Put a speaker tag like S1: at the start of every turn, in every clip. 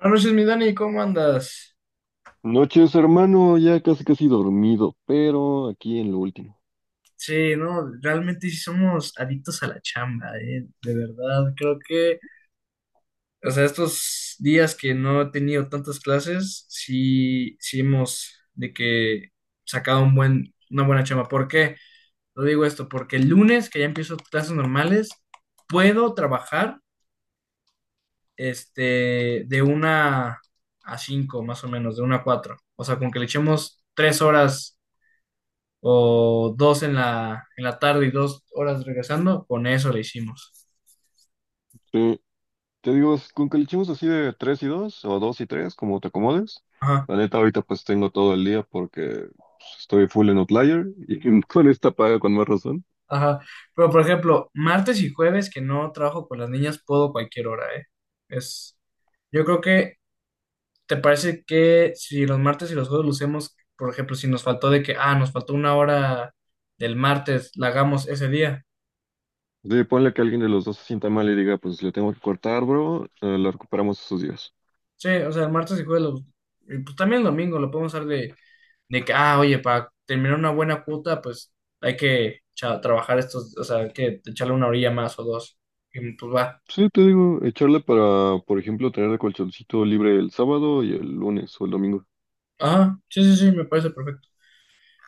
S1: Buenas noches, mi Dani, ¿cómo andas?
S2: Noches, hermano, ya casi casi dormido, pero aquí en lo último.
S1: Sí, no, realmente sí somos adictos a la chamba, de verdad, creo que, o sea, estos días que no he tenido tantas clases, sí, sí hemos de que sacado un una buena chamba. ¿Por qué lo digo esto? Porque el lunes, que ya empiezo clases normales, puedo trabajar, de una a cinco, más o menos, de una a cuatro. O sea, con que le echemos tres horas o dos en en la tarde y dos horas regresando, con eso le hicimos.
S2: Sí, te digo, es con que le echemos así de tres y dos o dos y tres como te acomodes.
S1: Ajá,
S2: La neta, ahorita pues tengo todo el día porque pues, estoy full en Outlier y con esta paga con más razón.
S1: ajá. Pero por ejemplo, martes y jueves que no trabajo con las niñas, puedo cualquier hora, ¿eh? Es, yo creo que, ¿te parece que si los martes y los jueves lo hacemos, por ejemplo, si nos faltó de que, ah, nos faltó una hora del martes, la hagamos ese día?
S2: Sí, ponle que alguien de los dos se sienta mal y diga, pues le tengo que cortar, bro, lo recuperamos esos días.
S1: Sí, o sea, el martes y jueves, y pues también el domingo, lo podemos hacer de, oye, para terminar una buena cuota, pues trabajar estos, o sea, hay que echarle una orilla más o dos. Y pues va.
S2: Sí, te digo, echarle para, por ejemplo, tener el colchoncito libre el sábado y el lunes o el domingo.
S1: Ah, sí, sí, sí, me parece perfecto.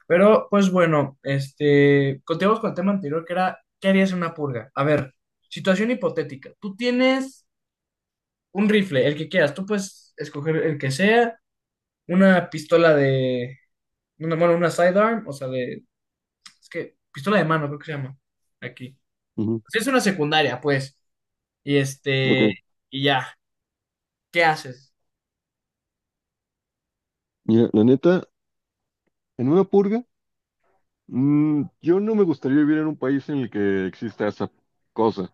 S1: Pero pues bueno, continuamos con el tema anterior que era, ¿qué harías en una purga? A ver, situación hipotética. Tú tienes un rifle, el que quieras, tú puedes escoger el que sea, una pistola de, una, bueno, una sidearm, pistola de mano creo que se llama aquí.
S2: Ujú.
S1: Sí, es una secundaria, pues. Y
S2: Ok,
S1: este, y ¿qué haces?
S2: mira, la neta, en una purga, yo no me gustaría vivir en un país en el que exista esa cosa.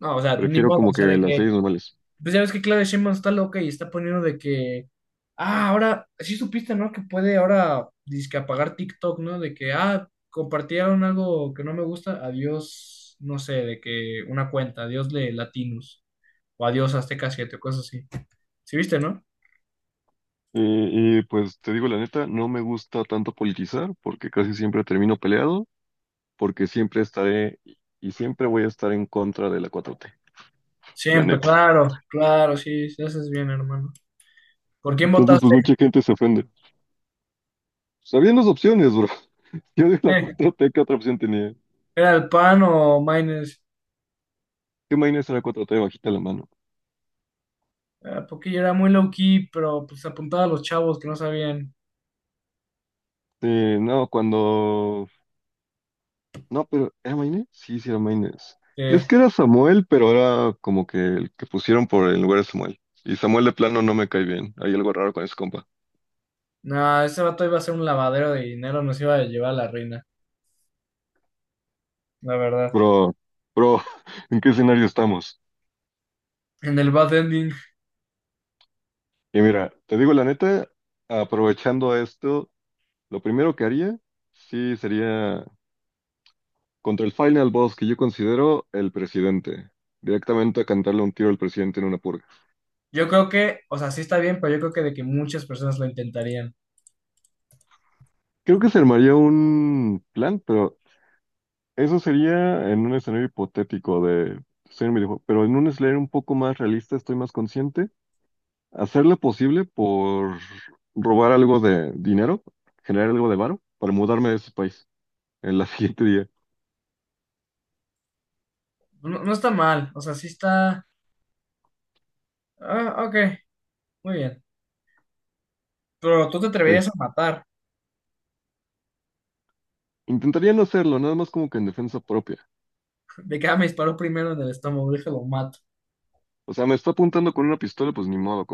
S1: No, o sea, ni
S2: Prefiero
S1: modo,
S2: como que las leyes normales.
S1: pues ya ves que Claudia Sheinbaum está loca y está poniendo ahora, sí supiste, ¿no? Que puede ahora dizque apagar TikTok, ¿no? Compartieron algo que no me gusta, adiós, no sé, de que una cuenta, adiós de Latinos, o adiós Azteca 7, o cosas así. ¿Sí viste, no?
S2: Y pues te digo la neta, no me gusta tanto politizar porque casi siempre termino peleado, porque siempre estaré y siempre voy a estar en contra de la cuatro t la
S1: Siempre,
S2: neta.
S1: claro, claro, sí, sí, haces bien, hermano. ¿Por quién
S2: Entonces, pues
S1: votaste?
S2: mucha gente se ofende. Sabían las opciones, bro. Yo de la
S1: Eh,
S2: 4T, ¿qué otra opción tenía?
S1: ¿Era el PAN o Maynes?
S2: ¿Qué Maynes era 4T? Bajita la mano.
S1: Ah, porque yo era muy low key, pero pues apuntaba a los chavos que no sabían
S2: No, cuando... No, pero ¿era Maynes? Sí, sí era Maynes. Es
S1: que
S2: que era Samuel, pero era como que el que pusieron por el lugar de Samuel. Y Samuel de plano no me cae bien. Hay algo raro con ese compa.
S1: nada, ese vato iba a ser un lavadero de dinero, nos iba a llevar a la reina, la verdad.
S2: Bro, bro, ¿en qué escenario estamos?
S1: En el bad ending,
S2: Y mira, te digo la neta, aprovechando esto, lo primero que haría, sí, sería contra el final boss que yo considero el presidente. Directamente a cantarle un tiro al presidente en una purga.
S1: yo creo que, o sea, sí está bien, pero yo creo que de que muchas personas lo intentarían.
S2: Creo que se armaría un plan, pero eso sería en un escenario hipotético de... ser un videojuego. Pero en un escenario un poco más realista, estoy más consciente. Hacer lo posible por robar algo de dinero, generar algo de varo, para mudarme de ese país el la siguiente día.
S1: No, no está mal, o sea, sí está. Ah, ok, muy bien. Pero tú te
S2: Ok.
S1: atreverías a matar.
S2: Intentaría no hacerlo, nada más como que en defensa propia.
S1: De que ah, me disparó primero en el estómago, déjalo mato.
S2: O sea, me está apuntando con una pistola, pues ni modo,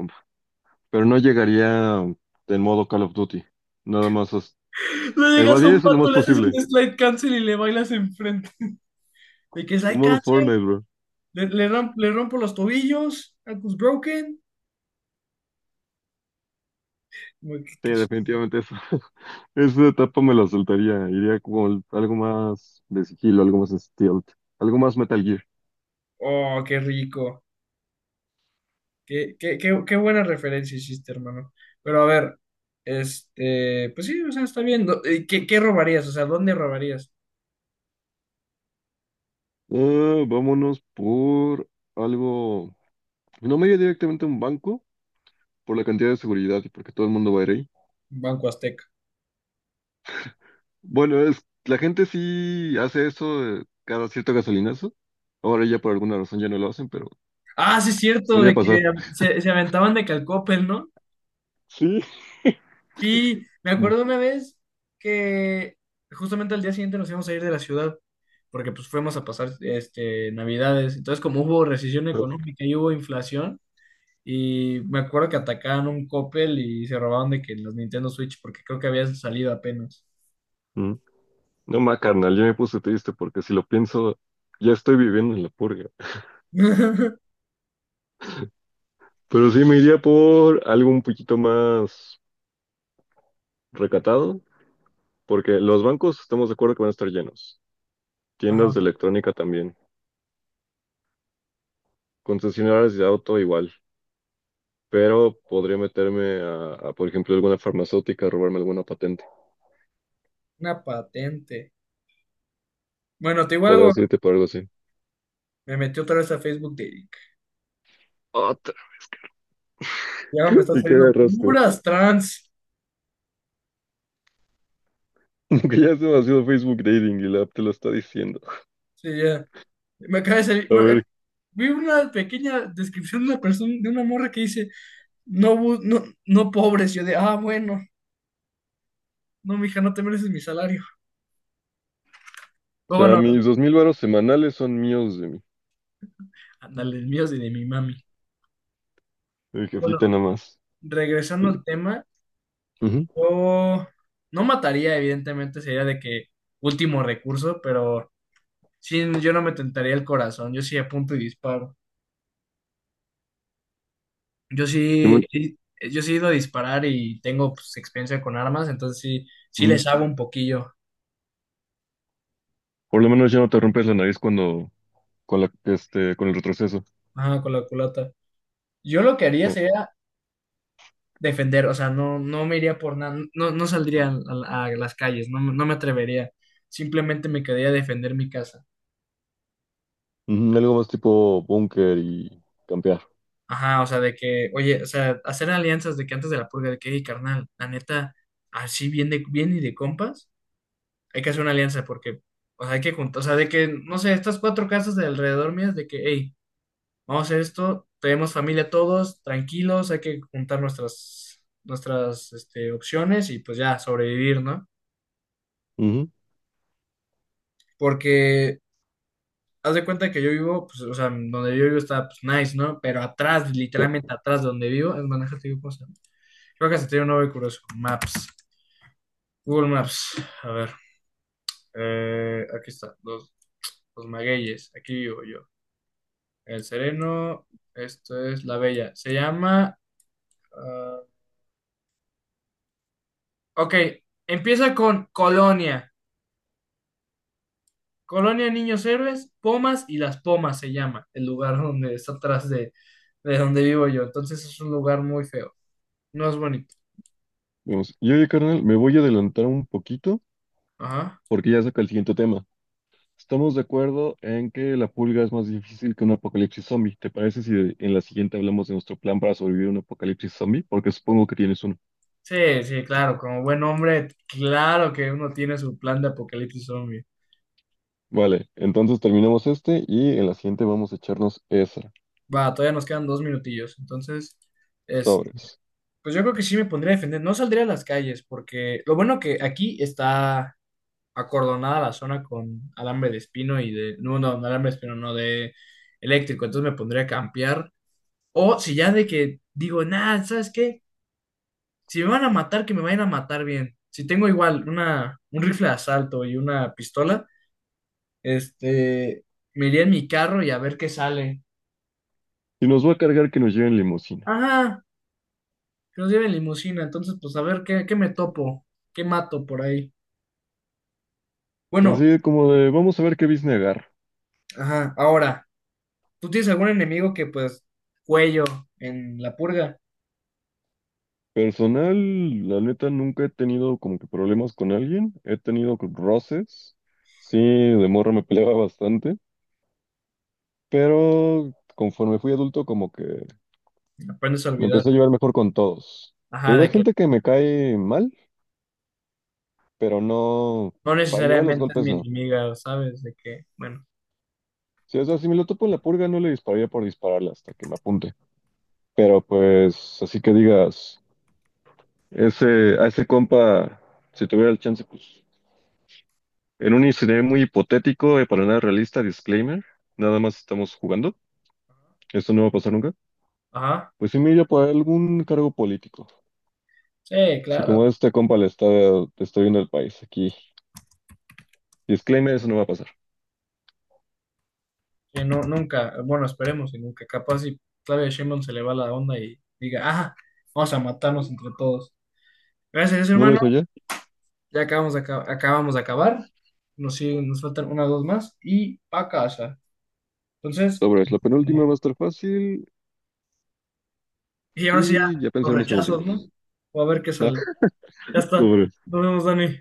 S2: pero no llegaría en modo Call of Duty. Nada más as-
S1: Le llegas a
S2: Evadir
S1: un
S2: eso lo
S1: pato,
S2: más
S1: le haces un
S2: posible.
S1: slide cancel y le bailas enfrente. De que
S2: En
S1: slide
S2: modo
S1: cancel,
S2: Fortnite, bro.
S1: le rompo los tobillos, ankles broken. Como
S2: Sí,
S1: que ch-
S2: definitivamente eso. Esa etapa me la saltaría. Iría como algo más de sigilo, algo más stealth, algo más Metal Gear.
S1: Oh, qué rico. Qué buena referencia hiciste, hermano. Pero a ver, pues sí, o sea, está bien. ¿Qué, qué robarías? O sea, ¿dónde robarías?
S2: Ah, vámonos por algo. No me iría directamente a un banco por la cantidad de seguridad y porque todo el mundo va a ir ahí.
S1: Banco Azteca.
S2: Bueno, es la gente sí hace eso cada cierto gasolinazo. Ahora ya por alguna razón ya no lo hacen, pero
S1: Ah, sí, es cierto,
S2: solía
S1: de que
S2: pasar.
S1: se aventaban de Calcopel, ¿no?
S2: Sí.
S1: Sí, me
S2: Mm.
S1: acuerdo una vez que justamente al día siguiente nos íbamos a ir de la ciudad, porque pues fuimos a pasar Navidades. Entonces, como hubo recesión económica y hubo inflación, y me acuerdo que atacaban un Coppel y se robaban de que los Nintendo Switch, porque creo que habían salido apenas.
S2: Mm. No, ma, carnal, yo me puse triste porque si lo pienso, ya estoy viviendo en la purga. Pero sí me iría por algo un poquito más recatado, porque los bancos estamos de acuerdo que van a estar llenos. Tiendas
S1: Ajá,
S2: de electrónica también. Concesionarias de auto igual. Pero podría meterme por ejemplo, alguna farmacéutica, a robarme alguna patente.
S1: una patente. Bueno, te digo algo,
S2: Podrás irte por algo así.
S1: me metí otra vez a Facebook de.
S2: Otra.
S1: Ya me están
S2: ¿Y qué
S1: saliendo
S2: agarraste?
S1: puras trans.
S2: Que ya es demasiado Facebook Dating y la app te lo está diciendo.
S1: Sí, ya. Me acaba de salir.
S2: A ver,
S1: Vi una pequeña descripción de una persona, de una morra que dice, no, no pobres, yo de, ah, bueno, no, mija, no te mereces mi salario.
S2: o
S1: Pero
S2: sea,
S1: bueno,
S2: mis dos mil varos semanales son míos de
S1: ándale, el mío es de mi mami.
S2: el
S1: Bueno,
S2: jefita nada más.
S1: regresando
S2: Y,
S1: al tema,
S2: ujú,
S1: yo no mataría, evidentemente, sería de que último recurso, pero sí, yo no me tentaría el corazón, yo sí apunto y disparo. Yo
S2: y
S1: sí,
S2: bueno,
S1: sí, yo sí he ido a disparar y tengo pues experiencia con armas, entonces sí, sí
S2: ujú.
S1: les hago un poquillo,
S2: Por lo menos ya no te rompes la nariz cuando con la este con el retroceso.
S1: ajá, con la culata. Yo lo que haría
S2: Ajá.
S1: sería defender, o sea, no me iría por nada, no, no saldría a las calles, no me atrevería, simplemente me quedaría a defender mi casa.
S2: Ujú, algo más tipo búnker y campear.
S1: Ajá, o sea, oye, o sea, hacer alianzas de que antes de la purga, de que, hey, carnal, la neta, así bien, de, bien y de compas, hay que hacer una alianza porque, o sea, hay que juntar, no sé, estas cuatro casas de alrededor mías, de que, hey, vamos a hacer esto, tenemos familia todos, tranquilos, hay que juntar opciones y pues ya, sobrevivir, ¿no?
S2: Ujú.
S1: Porque haz de cuenta que yo vivo, pues, o sea, donde yo vivo está, pues, nice, ¿no? Pero atrás,
S2: Sí,
S1: literalmente atrás de donde vivo, es más, déjate digo, ¿cómo se llama? Creo que se tiene un nombre curioso. Maps. Google Maps. A ver. Aquí está. Los magueyes. Aquí vivo yo. El Sereno. Esto es La Bella. Se llama. Ah, ok. Empieza con Colonia. Colonia Niños Héroes, Pomas y Las Pomas se llama. El lugar donde está atrás de donde vivo yo. Entonces es un lugar muy feo. No es bonito.
S2: vamos. Y oye, carnal, me voy a adelantar un poquito
S1: Ajá.
S2: porque ya saca el siguiente tema. Estamos de acuerdo en que la pulga es más difícil que un apocalipsis zombie. ¿Te parece si en la siguiente hablamos de nuestro plan para sobrevivir a un apocalipsis zombie? Porque supongo que tienes uno.
S1: Sí, sí, claro, como buen hombre, claro que uno tiene su plan de apocalipsis zombie.
S2: Vale, entonces terminamos este y en la siguiente vamos a echarnos esa.
S1: Va, todavía nos quedan dos minutillos, entonces, es,
S2: Sobres.
S1: pues yo creo que sí me pondría a defender, no saldría a las calles, porque lo bueno que aquí está acordonada la zona con alambre de espino y de, no, alambre de espino, no, de eléctrico, entonces me pondría a campear, o si ya de que digo, nada, ¿sabes qué? Si me van a matar, que me vayan a matar bien. Si tengo igual un rifle de asalto y una pistola. Este, Me iría en mi carro y a ver qué sale.
S2: Y nos va a cargar que nos lleven limusina.
S1: Ajá, que nos lleven limusina, entonces pues a ver qué, qué me topo, qué mato por ahí.
S2: Pues así
S1: Bueno,
S2: de como de, vamos a ver qué business agarra.
S1: ajá, ahora, ¿tú tienes algún enemigo que pues cuello en la purga?
S2: Personal, la neta, nunca he tenido como que problemas con alguien. He tenido roces. Sí, de morro me peleaba bastante, pero conforme fui adulto como que
S1: Aprendes a
S2: me empecé a
S1: olvidar.
S2: llevar mejor con todos. Te
S1: Ajá,
S2: digo, hay
S1: de que
S2: gente que me cae mal, pero no,
S1: no
S2: para llegar a los
S1: necesariamente es
S2: golpes
S1: mi
S2: no.
S1: enemiga, ¿sabes? De que, bueno,
S2: Si, o sea, si me lo topo en la purga no le dispararía por dispararle hasta que me apunte. Pero pues, así que digas... Ese, a ese compa, si tuviera el chance, pues, en un escenario muy hipotético y para nada realista, disclaimer, nada más estamos jugando, esto no va a pasar nunca,
S1: ajá,
S2: pues sí me iría por algún cargo político.
S1: sí,
S2: Si como
S1: claro,
S2: a este compa le está te está viendo el país aquí, disclaimer, eso no va a pasar.
S1: que no, nunca, bueno, esperemos y nunca, capaz si Claudia Sheinbaum se le va la onda y diga, ajá, vamos a matarnos entre todos. Gracias,
S2: ¿No lo
S1: hermano.
S2: hizo ya?
S1: Ya acabamos de, acabamos de acabar. Nos faltan una o dos más y pa' casa. Entonces,
S2: Sobre, la penúltima va a estar fácil
S1: y ahora sí ya,
S2: y ya
S1: los
S2: pensaremos en la última.
S1: rechazos, ¿no? O a ver qué
S2: Va.
S1: sale. Ya está.
S2: Sobre.
S1: Nos vemos, Dani.